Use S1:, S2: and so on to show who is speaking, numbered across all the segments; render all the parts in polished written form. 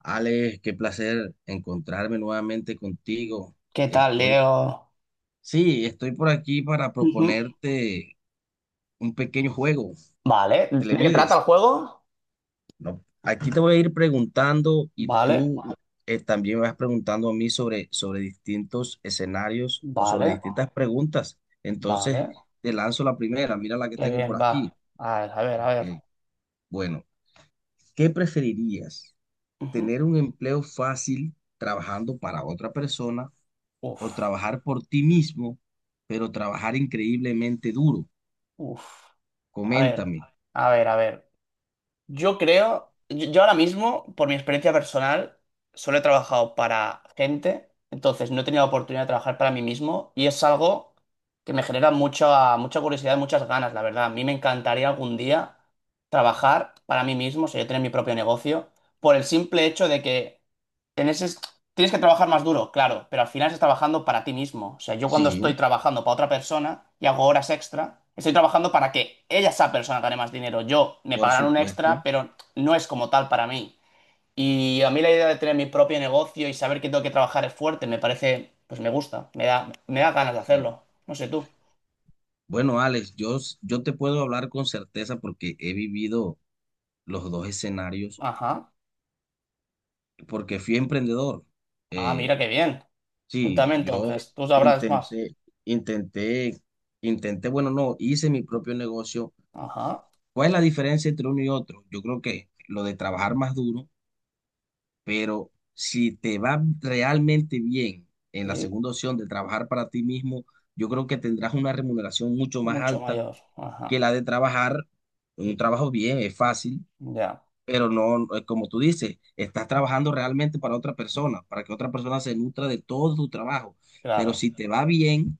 S1: Alex, qué placer encontrarme nuevamente contigo.
S2: ¿Qué tal,
S1: Estoy,
S2: Leo?
S1: sí, estoy por aquí para
S2: Ujú.
S1: proponerte un pequeño juego.
S2: Vale,
S1: ¿Te
S2: ¿de
S1: le
S2: qué trata el
S1: mides?
S2: juego?
S1: No, aquí te voy a ir preguntando y
S2: Vale,
S1: tú también me vas preguntando a mí sobre distintos escenarios o sobre
S2: vale,
S1: distintas preguntas. Entonces,
S2: vale.
S1: te lanzo la primera. Mira la que
S2: Qué
S1: tengo
S2: bien,
S1: por
S2: va.
S1: aquí.
S2: A ver, a ver, a ver.
S1: Ok, bueno, ¿qué preferirías?
S2: Ujú.
S1: ¿Tener un empleo fácil trabajando para otra persona,
S2: Uf,
S1: o trabajar por ti mismo, pero trabajar increíblemente duro?
S2: uf. A ver,
S1: Coméntame.
S2: a ver, a ver. Yo creo, yo ahora mismo, por mi experiencia personal, solo he trabajado para gente, entonces no he tenido la oportunidad de trabajar para mí mismo y es algo que me genera mucha, mucha curiosidad, muchas ganas, la verdad. A mí me encantaría algún día trabajar para mí mismo, o sea, yo tener mi propio negocio, por el simple hecho de que en ese, tienes que trabajar más duro, claro, pero al final estás trabajando para ti mismo. O sea, yo cuando
S1: Sí,
S2: estoy trabajando para otra persona y hago horas extra, estoy trabajando para que ella, esa persona, gane más dinero. Yo me
S1: por
S2: pagarán un extra,
S1: supuesto.
S2: pero no es como tal para mí. Y a mí la idea de tener mi propio negocio y saber que tengo que trabajar es fuerte, me parece, pues me gusta, me da ganas de
S1: Sí.
S2: hacerlo. No sé tú.
S1: Bueno, Alex, yo, yo te puedo hablar con certeza porque he vivido los dos escenarios,
S2: Ajá.
S1: porque fui emprendedor.
S2: Ah,
S1: Eh,
S2: mira qué bien.
S1: sí,
S2: Cuéntame
S1: yo
S2: entonces, tú sabrás más.
S1: intenté, intenté, bueno, no, hice mi propio negocio.
S2: Ajá.
S1: ¿Cuál es la diferencia entre uno y otro? Yo creo que lo de trabajar más duro, pero si te va realmente bien en la
S2: Sí,
S1: segunda opción de trabajar para ti mismo, yo creo que tendrás una remuneración mucho más
S2: mucho
S1: alta
S2: mayor. Ajá.
S1: que la de trabajar en un trabajo bien, es fácil,
S2: Ya,
S1: pero no, como tú dices, estás trabajando realmente para otra persona, para que otra persona se nutra de todo tu trabajo, pero
S2: claro.
S1: si te va bien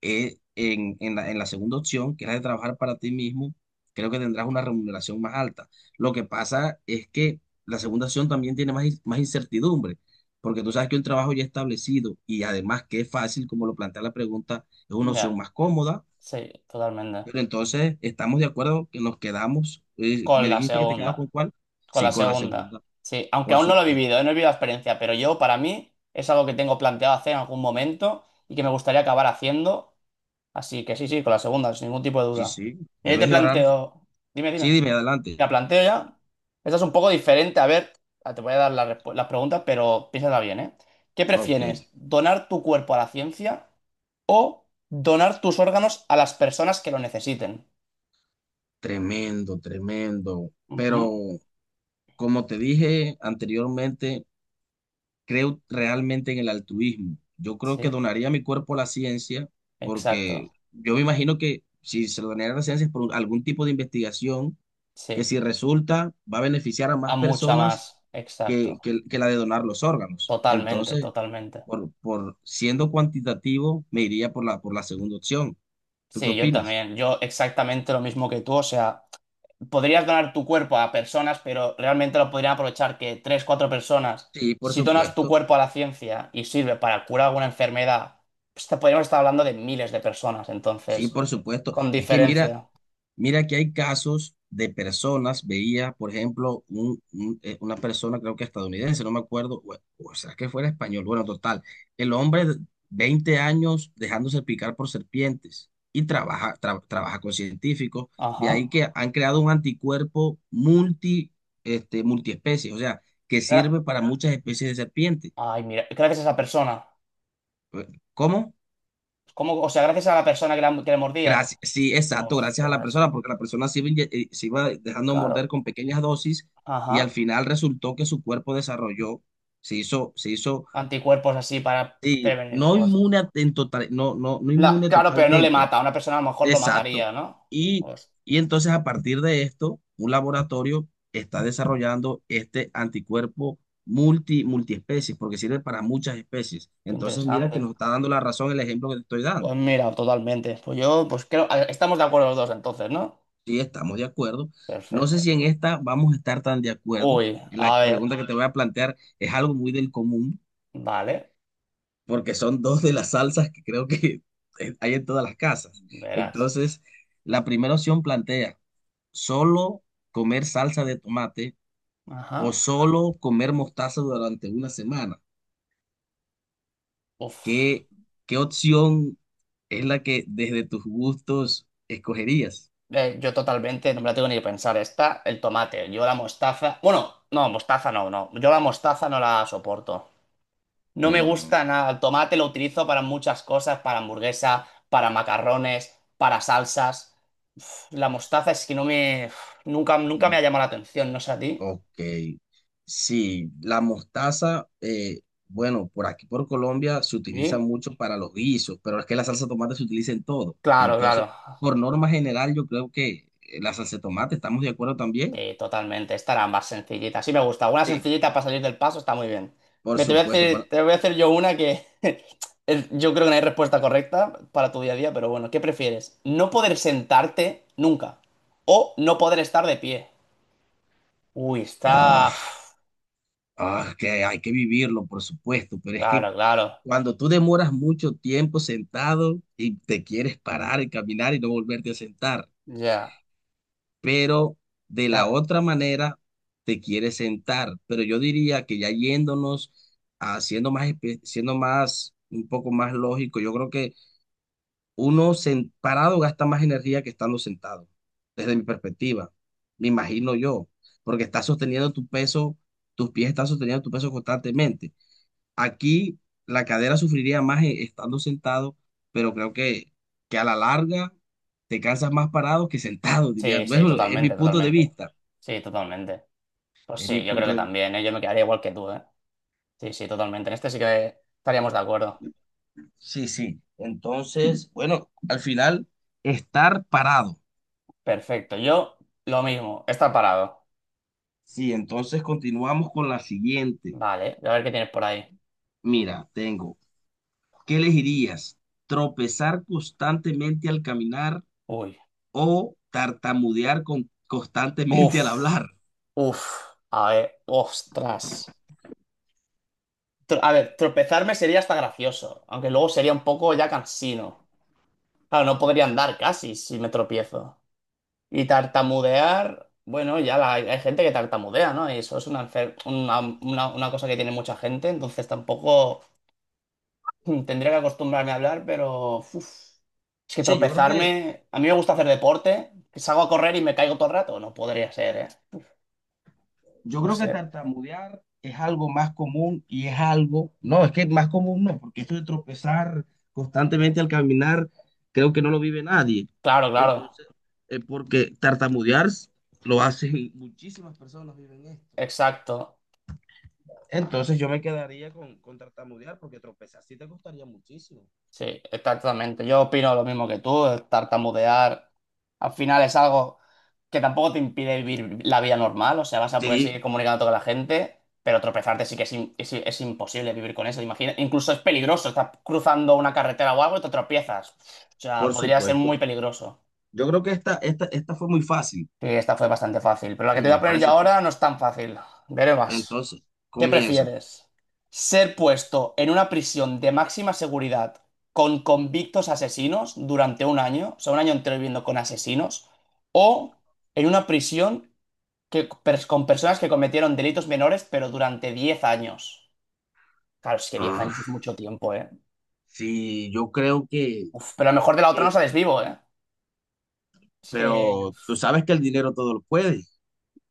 S1: en la segunda opción, que es la de trabajar para ti mismo, creo que tendrás una remuneración más alta. Lo que pasa es que la segunda opción también tiene más, más incertidumbre, porque tú sabes que un trabajo ya establecido y además que es fácil, como lo plantea la pregunta, es una opción
S2: Ya,
S1: más cómoda,
S2: sí, totalmente.
S1: pero entonces estamos de acuerdo que nos quedamos.
S2: Con
S1: ¿Me
S2: la
S1: dijiste que te quedabas con
S2: segunda,
S1: cuál?
S2: con
S1: Sí,
S2: la
S1: con la
S2: segunda.
S1: segunda,
S2: Sí, aunque
S1: por
S2: aún no lo he
S1: supuesto.
S2: vivido, no he vivido la experiencia, pero yo para mí es algo que tengo planteado hacer en algún momento y que me gustaría acabar haciendo. Así que sí, sí, con la segunda, sin ningún tipo de
S1: Sí,
S2: duda.
S1: sí,
S2: Mira, yo te
S1: debes de orar.
S2: planteo, dime,
S1: Sí,
S2: dime,
S1: dime adelante.
S2: te la planteo ya. Esta es un poco diferente, a ver, te voy a dar las preguntas, pero piénsala bien, ¿eh? ¿Qué
S1: Ok,
S2: prefieres, donar tu cuerpo a la ciencia o donar tus órganos a las personas que lo necesiten?
S1: tremendo, tremendo. Pero
S2: Ujú.
S1: como te dije anteriormente, creo realmente en el altruismo. Yo creo que
S2: Sí,
S1: donaría mi cuerpo a la ciencia porque
S2: exacto.
S1: yo me imagino que si se lo donaría a la ciencia es por algún tipo de investigación que
S2: Sí.
S1: si resulta va a beneficiar a
S2: A
S1: más
S2: mucha
S1: personas
S2: más,
S1: que,
S2: exacto.
S1: que- que la de donar los órganos.
S2: Totalmente,
S1: Entonces,
S2: totalmente.
S1: por siendo cuantitativo, me iría por la segunda opción. ¿Tú qué
S2: Sí, yo
S1: opinas?
S2: también. Yo exactamente lo mismo que tú. O sea, podrías donar tu cuerpo a personas, pero realmente lo podrían aprovechar que tres, cuatro personas.
S1: Sí, por
S2: Si donas tu
S1: supuesto.
S2: cuerpo a la ciencia y sirve para curar alguna enfermedad, pues te podríamos estar hablando de miles de personas,
S1: Sí,
S2: entonces.
S1: por supuesto.
S2: Con
S1: Es que mira,
S2: diferencia.
S1: mira que hay casos de personas, veía, por ejemplo, una persona, creo que estadounidense, no me acuerdo, o sea, que fuera español, bueno, total, el hombre, de 20 años dejándose picar por serpientes y trabaja con científicos, de
S2: Ajá.
S1: ahí que han creado un anticuerpo multi, este, multiespecie, o sea, que
S2: Gra-
S1: sirve para muchas especies de serpientes.
S2: Ay, mira, gracias a esa persona.
S1: Pues, ¿cómo?
S2: ¿Cómo? O sea, gracias a la persona que, que le mordía.
S1: Gracias, sí, exacto, gracias a la
S2: Ostras,
S1: persona, porque la persona se iba, se iba dejando morder
S2: claro.
S1: con pequeñas dosis y al
S2: Ajá.
S1: final resultó que su cuerpo desarrolló, se hizo, se hizo,
S2: Anticuerpos así para
S1: sí,
S2: prevenir.
S1: no inmune en total, no inmune
S2: Claro, pero no le
S1: totalmente,
S2: mata. A una persona a lo mejor lo
S1: exacto.
S2: mataría, ¿no?
S1: Y,
S2: Pues,
S1: y entonces a partir de esto, un laboratorio está desarrollando este anticuerpo multiespecies, porque sirve para muchas especies.
S2: qué
S1: Entonces mira que
S2: interesante.
S1: nos está dando la razón el ejemplo que te estoy
S2: Pues
S1: dando.
S2: mira, totalmente. Pues yo, pues creo. Estamos de acuerdo los dos entonces, ¿no?
S1: Sí, estamos de acuerdo. No sé
S2: Perfecto.
S1: si en esta vamos a estar tan de acuerdo.
S2: Uy,
S1: La
S2: a ver.
S1: pregunta que te voy a plantear es algo muy del común,
S2: Vale.
S1: porque son dos de las salsas que creo que hay en todas las casas.
S2: Verás.
S1: Entonces, la primera opción plantea, ¿solo comer salsa de tomate o
S2: Ajá.
S1: solo comer mostaza durante 1 semana?
S2: Uf.
S1: ¿Qué, qué opción es la que desde tus gustos escogerías?
S2: Yo totalmente, no me la tengo ni que pensar. Esta, el tomate. Yo la mostaza. Bueno, no, mostaza no, no. Yo la mostaza no la soporto. No me
S1: Mm,
S2: gusta nada. El tomate lo utilizo para muchas cosas, para hamburguesa, para macarrones, para salsas. Uf, la mostaza es que no me, uf, nunca, nunca me ha llamado la atención, no sé a ti.
S1: ok, sí, la mostaza, bueno, por aquí por Colombia se utiliza
S2: ¿Sí?
S1: mucho para los guisos, pero es que la salsa de tomate se utiliza en todo.
S2: Claro,
S1: Entonces,
S2: claro.
S1: por norma general, yo creo que la salsa de tomate, ¿estamos de acuerdo también?
S2: Totalmente. Esta era más sencillita. Sí me gusta. Una
S1: Sí.
S2: sencillita para salir del paso está muy bien.
S1: Por
S2: Me te voy a
S1: supuesto, para...
S2: hacer, te voy a hacer yo una que yo creo que no hay respuesta correcta para tu día a día, pero bueno, ¿qué prefieres? ¿No poder sentarte nunca o no poder estar de pie? Uy, está...
S1: Oh, ah, que hay que vivirlo, por supuesto, pero es que
S2: Claro, claro.
S1: cuando tú demoras mucho tiempo sentado y te quieres parar y caminar y no volverte a sentar.
S2: Ya.
S1: Pero de la
S2: Ca-
S1: otra manera te quiere sentar. Pero yo diría que ya yéndonos, siendo más, siendo más, un poco más lógico, yo creo que parado gasta más energía que estando sentado, desde mi perspectiva, me imagino yo, porque estás sosteniendo tu peso, tus pies están sosteniendo tu peso constantemente. Aquí la cadera sufriría más estando sentado, pero creo que a la larga te cansas más parado que sentado, diría.
S2: Sí,
S1: Pues,
S2: sí,
S1: bueno, es mi
S2: totalmente,
S1: punto de
S2: totalmente.
S1: vista.
S2: Sí, totalmente. Pues
S1: Es mi
S2: sí, yo creo
S1: punto
S2: que
S1: de vista.
S2: también, ¿eh? Yo me quedaría igual que tú, ¿eh? Sí, sí, totalmente. En este sí que estaríamos de acuerdo.
S1: Sí, sí. Entonces, bueno, al final, estar parado.
S2: Perfecto. Yo, lo mismo. Está parado.
S1: Sí, entonces continuamos con la siguiente.
S2: Vale, a ver qué tienes por ahí.
S1: Mira, tengo, ¿qué elegirías? ¿Tropezar constantemente al caminar
S2: Uy.
S1: o tartamudear constantemente al
S2: Uf.
S1: hablar?
S2: Uf. A ver. Ostras. A ver, tropezarme sería hasta gracioso, aunque luego sería un poco ya cansino. Claro, no podría andar casi si me tropiezo. Y tartamudear, bueno, hay gente que tartamudea, ¿no? Y eso es una, enfer- una cosa que tiene mucha gente, entonces tampoco tendría que acostumbrarme a hablar, pero uf, es que
S1: Sí, yo creo que
S2: tropezarme, a mí me gusta hacer deporte, que salgo a correr y me caigo todo el rato, no podría ser, ¿eh?
S1: yo
S2: No
S1: creo que
S2: sé.
S1: tartamudear es algo más común y es algo, no, es que más común no, porque esto de tropezar constantemente al caminar, creo que no lo vive nadie.
S2: Claro, claro,
S1: Entonces, porque tartamudear lo hacen muchísimas personas viven esto.
S2: exacto.
S1: Entonces yo me quedaría con tartamudear porque tropezar sí te costaría muchísimo.
S2: Sí, exactamente. Yo opino lo mismo que tú. El tartamudear al final es algo que tampoco te impide vivir la vida normal. O sea, vas a poder seguir
S1: Sí,
S2: comunicándote con la gente, pero tropezarte sí que es imposible vivir con eso. Imagina, incluso es peligroso. Estás cruzando una carretera o algo y te tropiezas. O sea,
S1: por
S2: podría ser
S1: supuesto.
S2: muy peligroso.
S1: Yo creo que esta fue muy fácil.
S2: Sí, esta fue bastante fácil. Pero la que
S1: Sí,
S2: te voy a
S1: me
S2: poner yo
S1: parece.
S2: ahora no es tan fácil. Veré más.
S1: Entonces,
S2: ¿Qué
S1: comienza.
S2: prefieres? ¿Ser puesto en una prisión de máxima seguridad con convictos asesinos durante un año, o sea, un año entero viviendo con asesinos, o en una prisión que, con personas que cometieron delitos menores, pero durante 10 años? Claro, es que 10 años es
S1: Ah,
S2: mucho tiempo, ¿eh?
S1: sí, yo creo
S2: Uf, pero a lo mejor de la otra no
S1: que
S2: sales vivo, ¿eh? Es que
S1: pero tú sabes que el dinero todo lo puede.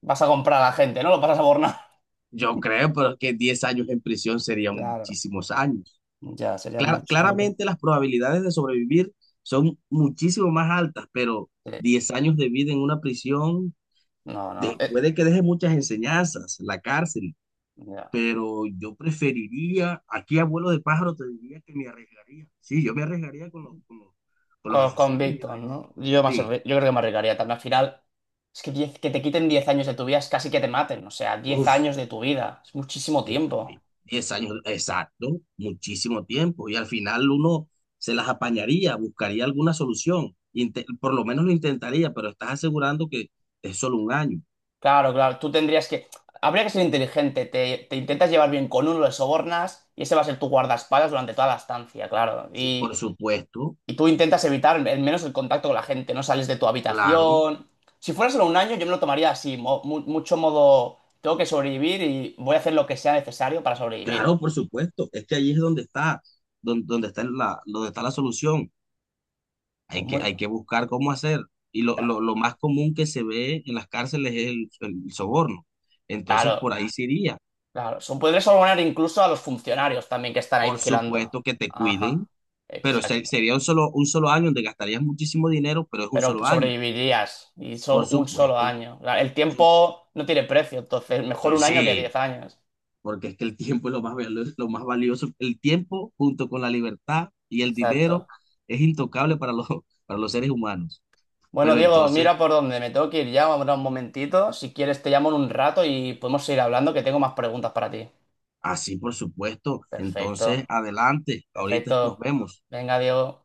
S2: vas a comprar a la gente, ¿no? Lo vas a borrar.
S1: Yo creo, pero es que 10 años en prisión serían
S2: Claro,
S1: muchísimos años.
S2: ya sería
S1: Clara
S2: muchísimo tiempo.
S1: claramente las probabilidades de sobrevivir son muchísimo más altas, pero
S2: Eh,
S1: 10 años de vida en una prisión
S2: No, no. eh,
S1: puede que deje muchas enseñanzas, la cárcel,
S2: Ya.
S1: pero yo preferiría, aquí abuelo de pájaro te diría que me arriesgaría. Sí, yo me arriesgaría con los
S2: Con
S1: asesinos. Me
S2: Víctor,
S1: arriesgaría.
S2: ¿no? Yo
S1: Sí,
S2: creo que me arriesgaría también. Al final, es que, 10 que te quiten 10 años de tu vida es casi que te maten. O sea, diez
S1: uff.
S2: años de tu vida. Es muchísimo
S1: De
S2: tiempo.
S1: 10 años, exacto, muchísimo tiempo. Y al final uno se las apañaría, buscaría alguna solución, por lo menos lo intentaría, pero estás asegurando que es solo 1 año.
S2: Claro, claro. Tú tendrías que... Habría que ser inteligente. Te intentas llevar bien con uno, le sobornas y ese va a ser tu guardaespaldas durante toda la estancia, claro.
S1: Sí, por
S2: Y,
S1: supuesto,
S2: y tú intentas evitar al menos el contacto con la gente. No sales de tu
S1: claro,
S2: habitación. Si fuera solo un año, yo me lo tomaría así. Tengo que sobrevivir y voy a hacer lo que sea necesario para sobrevivir.
S1: claro, por supuesto. Es que ahí es donde está, está donde está la solución.
S2: Pues muy...
S1: Hay que buscar cómo hacer. Y lo más común que se ve en las cárceles es el soborno. Entonces,
S2: Claro,
S1: por ahí se iría.
S2: claro. Podrías abonar incluso a los funcionarios también que están ahí
S1: Por
S2: vigilando.
S1: supuesto que te
S2: Ajá,
S1: cuiden, pero
S2: exacto.
S1: sería un solo año donde gastarías muchísimo dinero, pero es un
S2: Pero
S1: solo año,
S2: sobrevivirías y
S1: por
S2: un solo
S1: supuesto.
S2: año. Claro, el
S1: Su-
S2: tiempo no tiene precio, entonces mejor un año que
S1: sí,
S2: 10 años.
S1: porque es que el tiempo es lo más, lo más valioso. El tiempo junto con la libertad y el dinero
S2: Exacto.
S1: es intocable para para los seres humanos.
S2: Bueno,
S1: Pero
S2: Diego,
S1: entonces,
S2: mira por dónde me tengo que ir ya, ahora un momentito. Si quieres, te llamo en un rato y podemos seguir hablando, que tengo más preguntas para ti.
S1: así por supuesto. Entonces,
S2: Perfecto,
S1: adelante, ahorita nos
S2: perfecto.
S1: vemos.
S2: Venga, Diego.